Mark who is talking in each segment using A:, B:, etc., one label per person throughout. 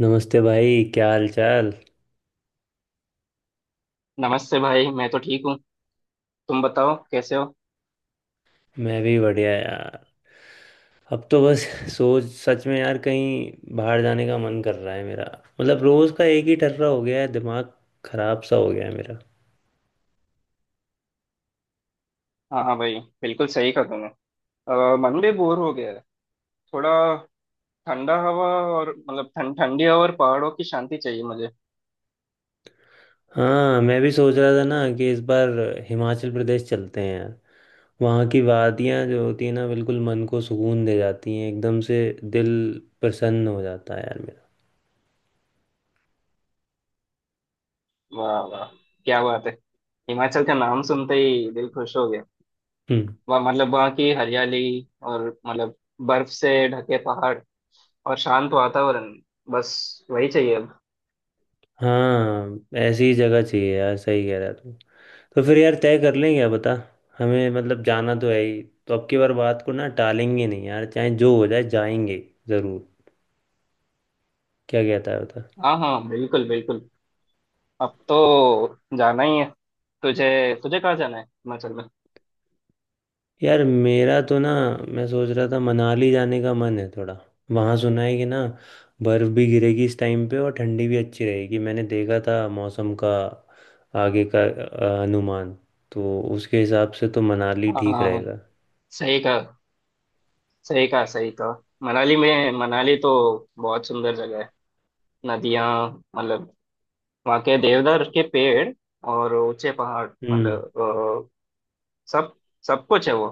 A: नमस्ते भाई, क्या हाल चाल।
B: नमस्ते भाई, मैं तो ठीक हूँ। तुम बताओ कैसे हो?
A: मैं भी बढ़िया यार। अब तो बस सोच, सच में यार कहीं बाहर जाने का मन कर रहा है मेरा। मतलब रोज का एक ही टर्रा हो गया है, दिमाग खराब सा हो गया है मेरा।
B: हाँ हाँ भाई, बिल्कुल सही कहा तुमने। मन भी बोर हो गया है थोड़ा। ठंडा हवा, और मतलब ठंडी हवा और पहाड़ों की शांति चाहिए मुझे।
A: हाँ, मैं भी सोच रहा था ना कि इस बार हिमाचल प्रदेश चलते हैं यार। वहाँ की वादियाँ जो होती है ना, बिल्कुल मन को सुकून दे जाती हैं, एकदम से दिल प्रसन्न हो जाता है यार मेरा।
B: वाह वाह, क्या बात है! हिमाचल का नाम सुनते ही दिल खुश हो गया।
A: हम्म।
B: वहाँ मतलब वहाँ की हरियाली और मतलब बर्फ से ढके पहाड़ और शांत वातावरण, बस वही चाहिए अब।
A: हाँ, ऐसी जगह चाहिए यार, सही कह रहा तू। तो फिर यार तय कर लें, क्या बता। हमें मतलब जाना तो है ही, तो अब की बार बात को ना टालेंगे नहीं यार, चाहे जो हो जाए जाएंगे ज़रूर। क्या कहता है बता।
B: हाँ हाँ, बिल्कुल बिल्कुल, अब तो जाना ही है तुझे। तुझे कहाँ जाना है हिमाचल में?
A: यार मेरा तो ना, मैं सोच रहा था मनाली जाने का मन है थोड़ा। वहाँ सुना है कि ना बर्फ़ भी गिरेगी इस टाइम पे और ठंडी भी अच्छी रहेगी। मैंने देखा था मौसम का आगे का अनुमान। तो उसके हिसाब से तो मनाली
B: हाँ
A: ठीक
B: हाँ,
A: रहेगा।
B: सही कहा, सही कहा सही कहा। मनाली तो बहुत सुंदर जगह है। नदियाँ, मतलब वहाँ के देवदार के पेड़ और ऊंचे पहाड़, मतलब
A: हम्म।
B: सब सब कुछ है वो।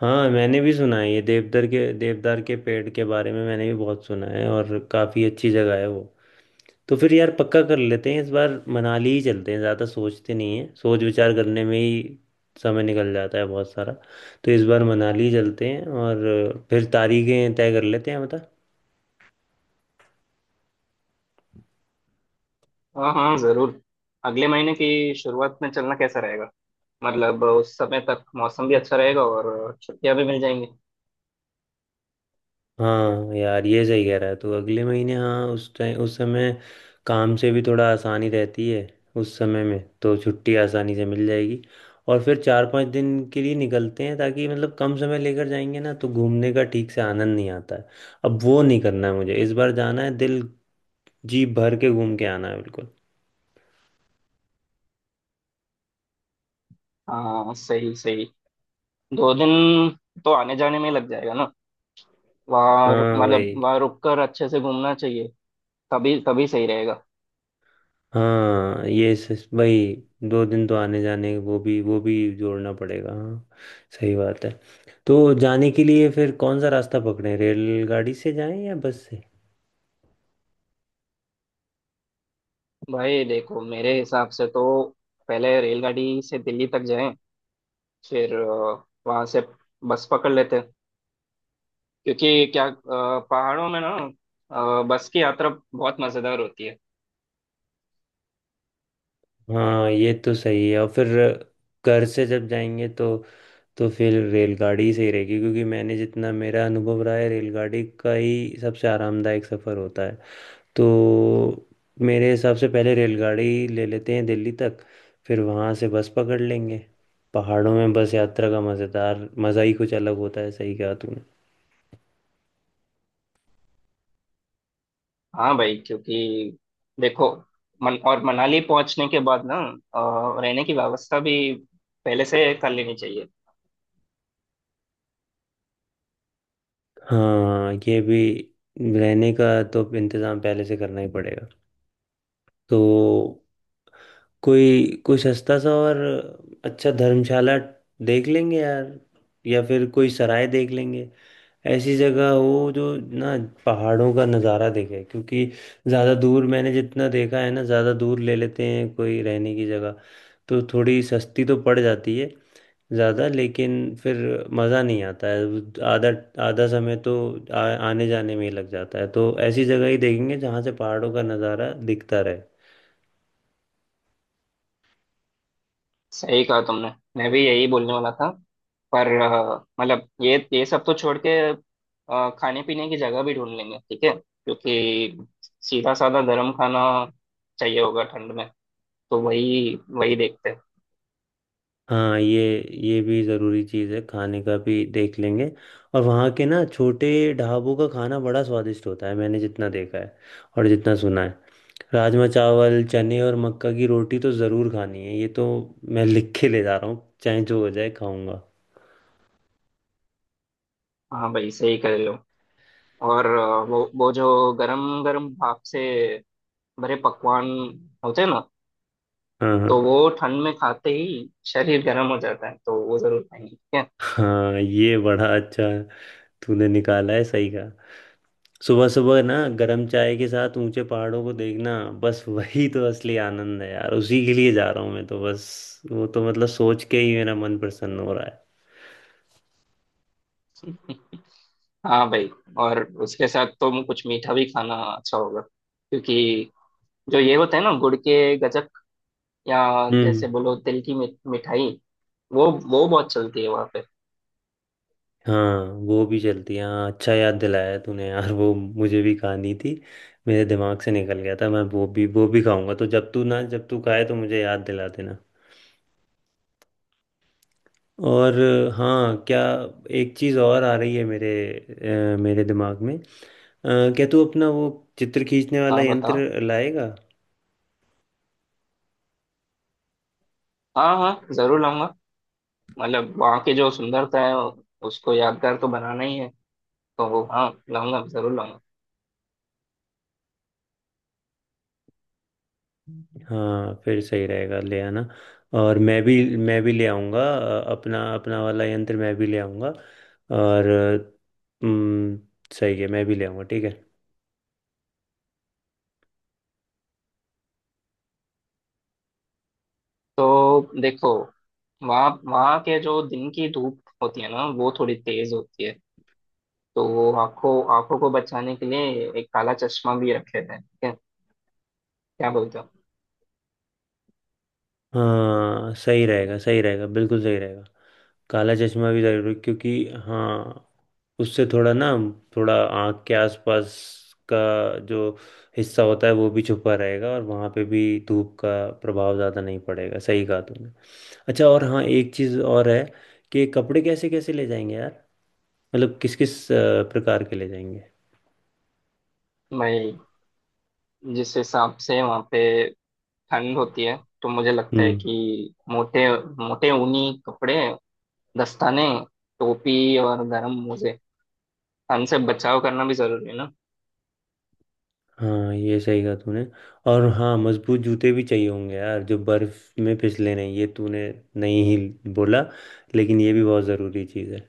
A: हाँ, मैंने भी सुना है ये देवदार के पेड़ के बारे में मैंने भी बहुत सुना है, और काफ़ी अच्छी जगह है वो। तो फिर यार पक्का कर लेते हैं, इस बार मनाली ही चलते हैं। ज़्यादा सोचते नहीं है, सोच विचार करने में ही समय निकल जाता है बहुत सारा। तो इस बार मनाली चलते हैं और फिर तारीखें तय कर लेते हैं बता।
B: हाँ हाँ जरूर। अगले महीने की शुरुआत में चलना कैसा रहेगा? मतलब उस समय तक मौसम भी अच्छा रहेगा और छुट्टियाँ भी मिल जाएंगी।
A: हाँ यार, ये सही कह रहा है तू। अगले महीने, हाँ उस टाइम, उस समय काम से भी थोड़ा आसानी रहती है। उस समय में तो छुट्टी आसानी से मिल जाएगी। और फिर चार पांच दिन के लिए निकलते हैं, ताकि मतलब कम समय लेकर जाएंगे ना तो घूमने का ठीक से आनंद नहीं आता है। अब वो नहीं करना है मुझे, इस बार जाना है, दिल जी भर के घूम के आना है बिल्कुल।
B: हाँ सही सही। 2 दिन तो आने जाने में लग जाएगा ना, वहाँ
A: हाँ वही।
B: मतलब वहाँ रुक कर अच्छे से घूमना चाहिए, तभी तभी सही रहेगा।
A: हाँ ये सच भाई। दो दिन तो आने जाने वो भी जोड़ना पड़ेगा हाँ। सही बात है। तो जाने के लिए फिर कौन सा रास्ता पकड़ें, रेलगाड़ी से जाएं या बस से।
B: भाई देखो, मेरे हिसाब से तो पहले रेलगाड़ी से दिल्ली तक जाएं, फिर वहां से बस पकड़ लेते हैं, क्योंकि क्या पहाड़ों में ना, बस की यात्रा बहुत मजेदार होती है।
A: हाँ ये तो सही है, और फिर घर से जब जाएंगे तो फिर रेलगाड़ी सही रहेगी, क्योंकि मैंने जितना मेरा अनुभव रहा है रेलगाड़ी का ही सबसे आरामदायक सफ़र होता है। तो मेरे हिसाब से पहले रेलगाड़ी ले लेते हैं दिल्ली तक, फिर वहाँ से बस पकड़ लेंगे। पहाड़ों में बस यात्रा का मज़ेदार मज़ा ही कुछ अलग होता है, सही कहा तूने।
B: हाँ भाई, क्योंकि देखो, मन और मनाली पहुंचने के बाद ना, रहने की व्यवस्था भी पहले से कर लेनी चाहिए।
A: हाँ ये भी। रहने का तो इंतज़ाम पहले से करना ही पड़ेगा। तो कोई कोई सस्ता सा और अच्छा धर्मशाला देख लेंगे यार, या फिर कोई सराय देख लेंगे। ऐसी जगह हो जो ना पहाड़ों का नज़ारा देखे। क्योंकि ज़्यादा दूर, मैंने जितना देखा है ना ज़्यादा दूर ले लेते हैं कोई रहने की जगह तो थोड़ी सस्ती तो पड़ जाती है ज़्यादा, लेकिन फिर मज़ा नहीं आता है। आधा आधा समय तो आ, आने जाने में ही लग जाता है। तो ऐसी जगह ही देखेंगे जहाँ से पहाड़ों का नज़ारा दिखता रहे।
B: सही कहा तुमने, मैं भी यही बोलने वाला था, पर मतलब ये सब तो छोड़ के खाने पीने की जगह भी ढूंढ लेंगे, ठीक है, क्योंकि सीधा साधा गर्म खाना चाहिए होगा ठंड में, तो वही वही देखते हैं।
A: हाँ ये भी ज़रूरी चीज़ है, खाने का भी देख लेंगे। और वहाँ के ना छोटे ढाबों का खाना बड़ा स्वादिष्ट होता है, मैंने जितना देखा है और जितना सुना है। राजमा चावल चने और मक्का की रोटी तो ज़रूर खानी है, ये तो मैं लिख के ले जा रहा हूँ, चाहे जो हो जाए खाऊंगा।
B: हाँ भाई, सही कह रहे हो। और वो जो गरम गरम भाप से भरे पकवान होते हैं ना,
A: हाँ
B: तो
A: हाँ।
B: वो ठंड में खाते ही शरीर गर्म हो जाता है, तो वो जरूर खाएंगे, ठीक
A: हाँ ये बड़ा अच्छा तूने निकाला है, सही का। सुबह सुबह ना गरम चाय के साथ ऊंचे पहाड़ों को देखना, बस वही तो असली आनंद है यार, उसी के लिए जा रहा हूँ मैं तो बस। वो तो मतलब सोच के ही मेरा मन प्रसन्न हो रहा है।
B: है। हाँ भाई, और उसके साथ तो कुछ मीठा भी खाना अच्छा होगा, क्योंकि जो ये होता है ना, गुड़ के गजक, या
A: हम्म।
B: जैसे बोलो तिल की मिठाई, वो बहुत चलती है वहाँ पे।
A: हाँ वो भी चलती है हाँ, अच्छा याद दिलाया तूने यार, वो मुझे भी खानी थी, मेरे दिमाग से निकल गया था। मैं वो भी खाऊंगा। तो जब तू खाए तो मुझे याद दिला देना। और हाँ क्या, एक चीज़ और आ रही है मेरे दिमाग में, क्या तू अपना वो चित्र खींचने वाला
B: हाँ बताओ।
A: यंत्र लाएगा।
B: हाँ हाँ जरूर लाऊंगा, मतलब वहाँ की जो सुंदरता है उसको यादगार तो बनाना ही है, तो हाँ, लाऊंगा जरूर लाऊंगा।
A: हाँ फिर सही रहेगा, ले आना। और मैं भी ले आऊँगा, अपना अपना वाला यंत्र मैं भी ले आऊँगा। और अम, सही है, मैं भी ले आऊँगा, ठीक है।
B: तो देखो, वहाँ वहाँ के जो दिन की धूप होती है ना, वो थोड़ी तेज होती है, तो वो आंखों आंखों को बचाने के लिए एक काला चश्मा भी रखे थे, क्या बोलते हो?
A: हाँ सही रहेगा, सही रहेगा, बिल्कुल सही रहेगा। काला चश्मा भी जरूरी, क्योंकि हाँ उससे थोड़ा ना, थोड़ा आँख के आसपास का जो हिस्सा होता है वो भी छुपा रहेगा, और वहाँ पे भी धूप का प्रभाव ज़्यादा नहीं पड़ेगा, सही कहा तुमने। अच्छा और हाँ, एक चीज़ और है कि कपड़े कैसे कैसे ले जाएंगे यार, मतलब किस किस प्रकार के ले जाएंगे।
B: मैं, जिस हिसाब से वहाँ पे ठंड होती है, तो मुझे लगता है
A: हम्म।
B: कि मोटे मोटे ऊनी कपड़े, दस्ताने, टोपी और गर्म मोजे, ठंड से बचाव करना भी जरूरी है ना।
A: हाँ ये सही कहा तूने। और हाँ मजबूत जूते भी चाहिए होंगे यार जो बर्फ में फिसले नहीं, ये तूने नहीं ही बोला, लेकिन ये भी बहुत ज़रूरी चीज़ है।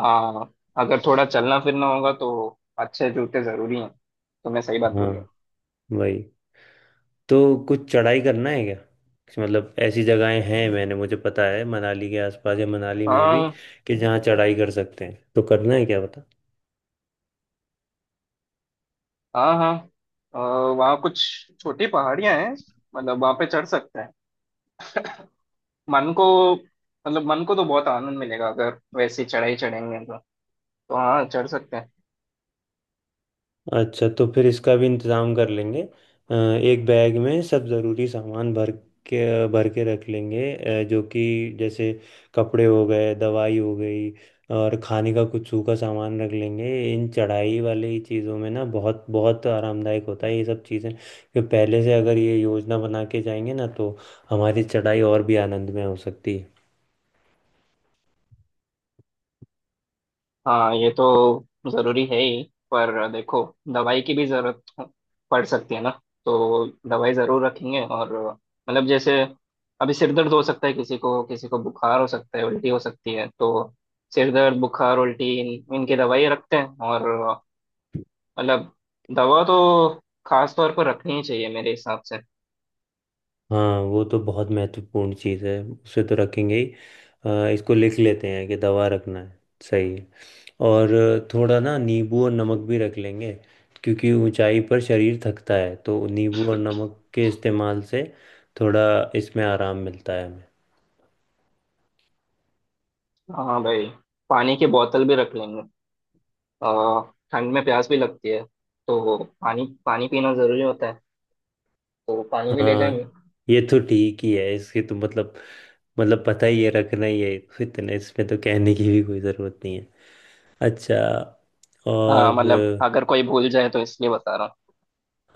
B: हाँ, अगर थोड़ा चलना फिरना होगा तो अच्छे जूते जरूरी हैं, तुमने सही बात
A: हाँ
B: बोली है।
A: वही। तो कुछ चढ़ाई करना है क्या, कुछ मतलब ऐसी जगहें हैं मैंने, मुझे पता है मनाली के आसपास या मनाली में भी,
B: हाँ
A: कि जहाँ चढ़ाई कर सकते हैं, तो करना है क्या।
B: हाँ हाँ, अ, वहाँ कुछ छोटी पहाड़ियाँ हैं, मतलब वहाँ पे चढ़ सकते हैं, मन को, मतलब मन को तो बहुत आनंद मिलेगा अगर वैसी चढ़ाई चढ़ेंगे तो हाँ, चढ़ सकते हैं।
A: अच्छा तो फिर इसका भी इंतज़ाम कर लेंगे। एक बैग में सब ज़रूरी सामान भर के रख लेंगे, जो कि जैसे कपड़े हो गए, दवाई हो गई, और खाने का कुछ सूखा सामान रख लेंगे। इन चढ़ाई वाले ही चीज़ों में ना बहुत बहुत आरामदायक होता है ये सब चीज़ें, कि पहले से अगर ये योजना बना के जाएंगे ना, तो हमारी चढ़ाई और भी आनंद में हो सकती है।
B: हाँ, ये तो जरूरी है ही, पर देखो, दवाई की भी जरूरत पड़ सकती है ना, तो दवाई जरूर रखेंगे, और मतलब जैसे अभी सिर दर्द हो सकता है किसी को, किसी को बुखार हो सकता है, उल्टी हो सकती है, तो सिर दर्द बुखार उल्टी इनकी दवाई रखते हैं, और मतलब दवा तो खास तौर पर रखनी ही चाहिए मेरे हिसाब से।
A: हाँ वो तो बहुत महत्वपूर्ण चीज़ है, उसे तो रखेंगे ही। इसको लिख लेते हैं कि दवा रखना है, सही है। और थोड़ा ना नींबू और नमक भी रख लेंगे, क्योंकि ऊंचाई पर शरीर थकता है तो नींबू और नमक के इस्तेमाल से थोड़ा इसमें आराम मिलता है हमें।
B: हाँ भाई, पानी की बोतल भी रख लेंगे, आ, ठंड में प्यास भी लगती है, तो पानी पानी पीना जरूरी होता है, तो पानी भी ले
A: हाँ
B: जाएंगे।
A: ये तो ठीक ही है, इसके तो मतलब पता ही है रखना ही है, तो इतने, इसमें तो कहने की भी कोई ज़रूरत नहीं है। अच्छा।
B: हाँ
A: और
B: मतलब अगर कोई भूल जाए तो इसलिए बता रहा हूँ।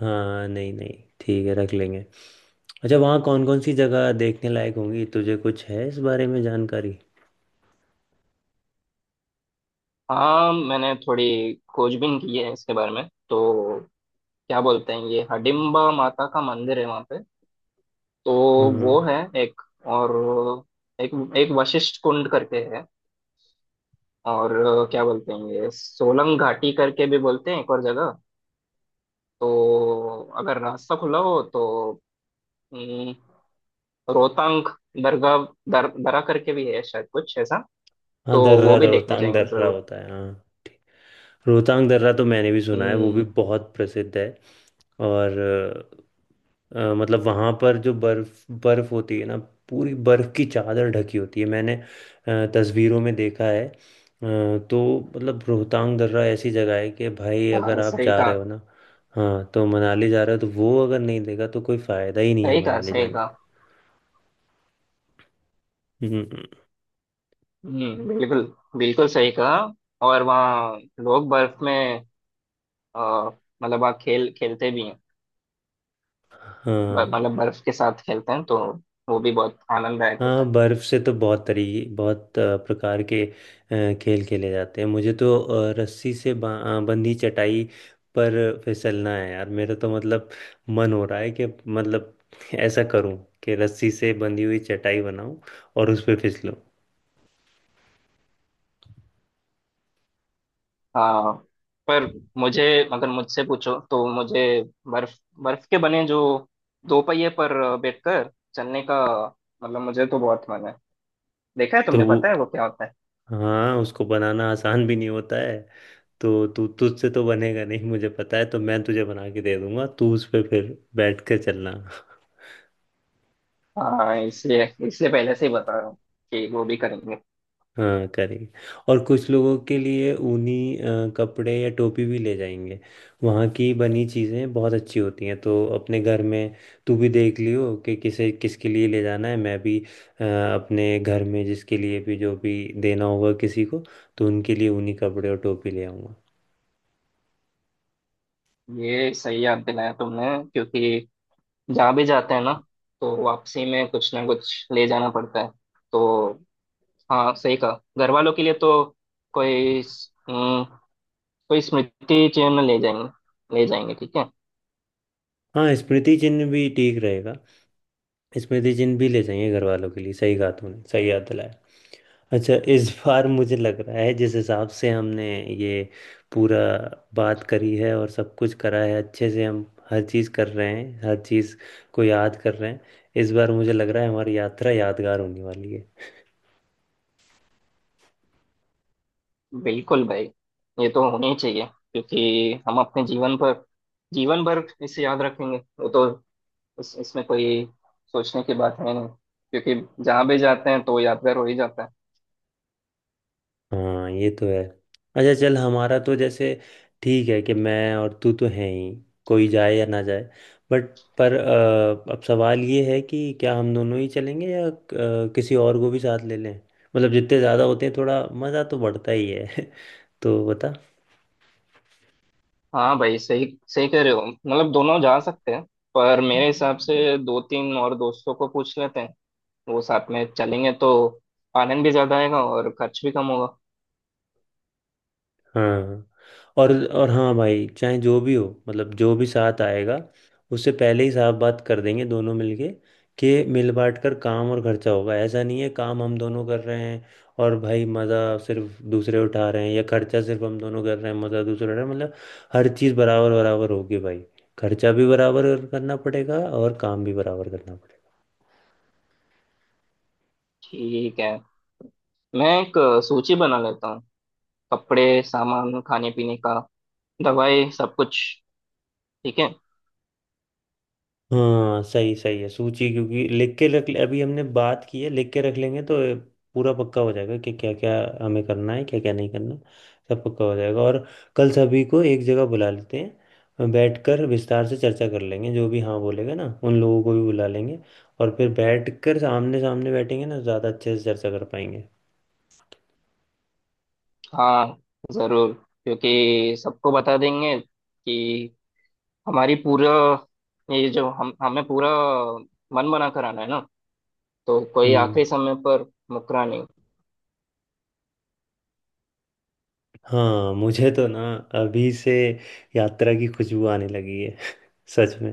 A: हाँ नहीं नहीं ठीक है, रख लेंगे। अच्छा, वहाँ कौन कौन सी जगह देखने लायक होंगी, तुझे कुछ है इस बारे में जानकारी।
B: हाँ, मैंने थोड़ी खोजबीन की है इसके बारे में, तो क्या बोलते हैं, ये हडिम्बा माता का मंदिर है वहाँ पे, तो वो
A: हाँ
B: है एक, और एक एक वशिष्ठ कुंड करके है, और क्या बोलते हैं, ये सोलंग घाटी करके भी बोलते हैं, एक और जगह, तो अगर रास्ता खुला हो तो हम्म, रोहतांग दरगाह, दरा करके भी है शायद कुछ ऐसा,
A: हाँ
B: तो वो
A: दर्रा,
B: भी देखने
A: रोहतांग
B: जाएंगे
A: दर्रा
B: जरूर।
A: होता है हाँ। ठीक, रोहतांग दर्रा तो मैंने भी सुना है, वो भी
B: हम्म।
A: बहुत प्रसिद्ध है। और मतलब वहाँ पर जो बर्फ बर्फ होती है ना, पूरी बर्फ की चादर ढकी होती है, मैंने तस्वीरों में देखा है, तो मतलब रोहतांग दर्रा ऐसी जगह है कि भाई अगर
B: हाँ
A: आप
B: सही
A: जा
B: कहा,
A: रहे हो ना, हाँ तो मनाली जा रहे हो तो वो अगर नहीं देखा तो कोई फायदा ही नहीं है
B: सही कहा
A: मनाली
B: सही
A: जाने।
B: कहा।
A: हम्म।
B: हम्म, बिल्कुल, बिल्कुल सही कहा। और वहाँ लोग बर्फ में अ, मतलब वहाँ खेल खेलते भी हैं,
A: हाँ
B: मतलब बर्फ के साथ खेलते हैं, तो वो भी बहुत आनंददायक
A: हाँ,
B: होता है।
A: बर्फ से तो बहुत तरीके, बहुत प्रकार के खेल खेले जाते हैं। मुझे तो रस्सी से बंधी चटाई पर फिसलना है यार मेरा, तो मतलब मन हो रहा है कि मतलब ऐसा करूं कि रस्सी से बंधी हुई चटाई बनाऊं और उस पे फिसलूं।
B: हाँ, पर मुझे, अगर मुझसे पूछो तो मुझे बर्फ बर्फ के बने जो दो पहिए पर बैठकर चलने का, मतलब मुझे तो बहुत मन है, देखा है
A: तो
B: तुमने?
A: वो,
B: पता है वो क्या होता है?
A: हाँ उसको बनाना आसान भी नहीं होता है। तो तू, तुझसे तो बनेगा नहीं मुझे पता है, तो मैं तुझे बना के दे दूंगा, तू उस पे फिर बैठ कर चलना।
B: हाँ, इसलिए इसलिए पहले से ही बता रहा हूँ कि वो भी करेंगे।
A: हाँ करेंगे। और कुछ लोगों के लिए ऊनी कपड़े या टोपी भी ले जाएंगे, वहाँ की बनी चीज़ें बहुत अच्छी होती हैं, तो अपने घर में तू भी देख लियो कि किसे किसके लिए ले जाना है। मैं भी अपने घर में जिसके लिए भी जो भी देना होगा किसी को, तो उनके लिए ऊनी कपड़े और टोपी ले आऊँगा।
B: ये सही याद दिलाया तुमने, क्योंकि जहाँ भी जाते हैं ना, तो वापसी में कुछ ना कुछ ले जाना पड़ता है, तो हाँ सही कहा, घर वालों के लिए तो कोई, हम्म, कोई स्मृति चिन्ह ले जाएंगे, ले जाएंगे ठीक है।
A: हाँ स्मृति चिन्ह भी ठीक रहेगा, स्मृति चिन्ह भी ले जाएंगे घर वालों के लिए, सही कहा तूने, सही याद दिलाया। अच्छा इस बार मुझे लग रहा है, जिस हिसाब से हमने ये पूरा बात करी है और सब कुछ करा है अच्छे से, हम हर चीज़ कर रहे हैं, हर चीज़ को याद कर रहे हैं। इस बार मुझे लग रहा है हमारी यात्रा यादगार होने वाली है।
B: बिल्कुल भाई, ये तो होना ही चाहिए, क्योंकि हम अपने जीवन पर जीवन भर इसे याद रखेंगे वो तो, इसमें कोई सोचने की बात है नहीं, क्योंकि जहाँ भी जाते हैं तो यादगार हो ही जाता है।
A: हाँ ये तो है। अच्छा चल, हमारा तो जैसे ठीक है कि मैं और तू तो हैं ही, कोई जाए या ना जाए। बट, पर अब सवाल ये है कि क्या हम दोनों ही चलेंगे या किसी और को भी साथ ले लें। मतलब जितने ज़्यादा होते हैं थोड़ा मज़ा तो बढ़ता ही है तो बता।
B: हाँ भाई, सही सही कह रहे हो, मतलब दोनों जा सकते हैं, पर मेरे हिसाब से दो तीन और दोस्तों को पूछ लेते हैं, वो साथ में चलेंगे तो आनंद भी ज्यादा आएगा और खर्च भी कम होगा।
A: हाँ और हाँ भाई, चाहे जो भी हो मतलब, जो भी साथ आएगा उससे पहले ही साफ बात कर देंगे दोनों मिलके, कि मिल बांट कर काम और खर्चा होगा। ऐसा नहीं है काम हम दोनों कर रहे हैं और भाई मज़ा सिर्फ दूसरे उठा रहे हैं, या खर्चा सिर्फ हम दोनों कर रहे हैं मज़ा दूसरे उठा रहे हैं। मतलब हर चीज़ बराबर बराबर होगी भाई, खर्चा भी बराबर करना पड़ेगा और काम भी बराबर करना पड़ेगा।
B: ठीक है, मैं एक सूची बना लेता हूँ, कपड़े, सामान, खाने पीने का, दवाई, सब कुछ, ठीक है।
A: हाँ सही, सही है सूची, क्योंकि लिख के रख, अभी हमने बात की है लिख के रख लेंगे तो पूरा पक्का हो जाएगा कि क्या क्या हमें करना है, क्या क्या नहीं करना, सब पक्का हो जाएगा। और कल सभी को एक जगह बुला लेते हैं, बैठकर विस्तार से चर्चा कर लेंगे, जो भी हाँ बोलेगा ना उन लोगों को भी बुला लेंगे, और फिर बैठकर सामने सामने बैठेंगे ना ज़्यादा अच्छे से चर्चा कर पाएंगे।
B: हाँ जरूर, क्योंकि सबको बता देंगे कि हमारी पूरा ये जो हम हमें पूरा मन बना कराना है ना, तो कोई
A: हम्म।
B: आखिरी समय पर मुकरा नहीं।
A: हाँ मुझे तो ना, अभी से यात्रा की खुशबू आने लगी है सच में।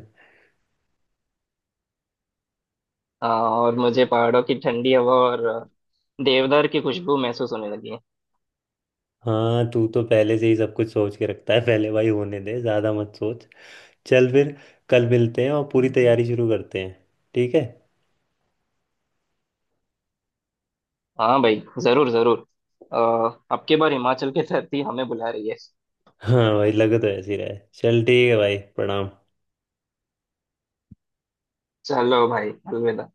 B: हाँ, और मुझे पहाड़ों की ठंडी हवा और देवदार की खुशबू महसूस होने लगी है।
A: हाँ तू तो पहले से ही सब कुछ सोच के रखता है पहले भाई, होने दे, ज्यादा मत सोच। चल फिर कल मिलते हैं और पूरी तैयारी शुरू करते हैं, ठीक है।
B: हाँ भाई, जरूर जरूर। अ, अब की बार हिमाचल की धरती हमें बुला रही है।
A: हाँ भाई लगे तो ऐसे ही रहा है, चल ठीक है भाई, प्रणाम।
B: चलो भाई, अलविदा।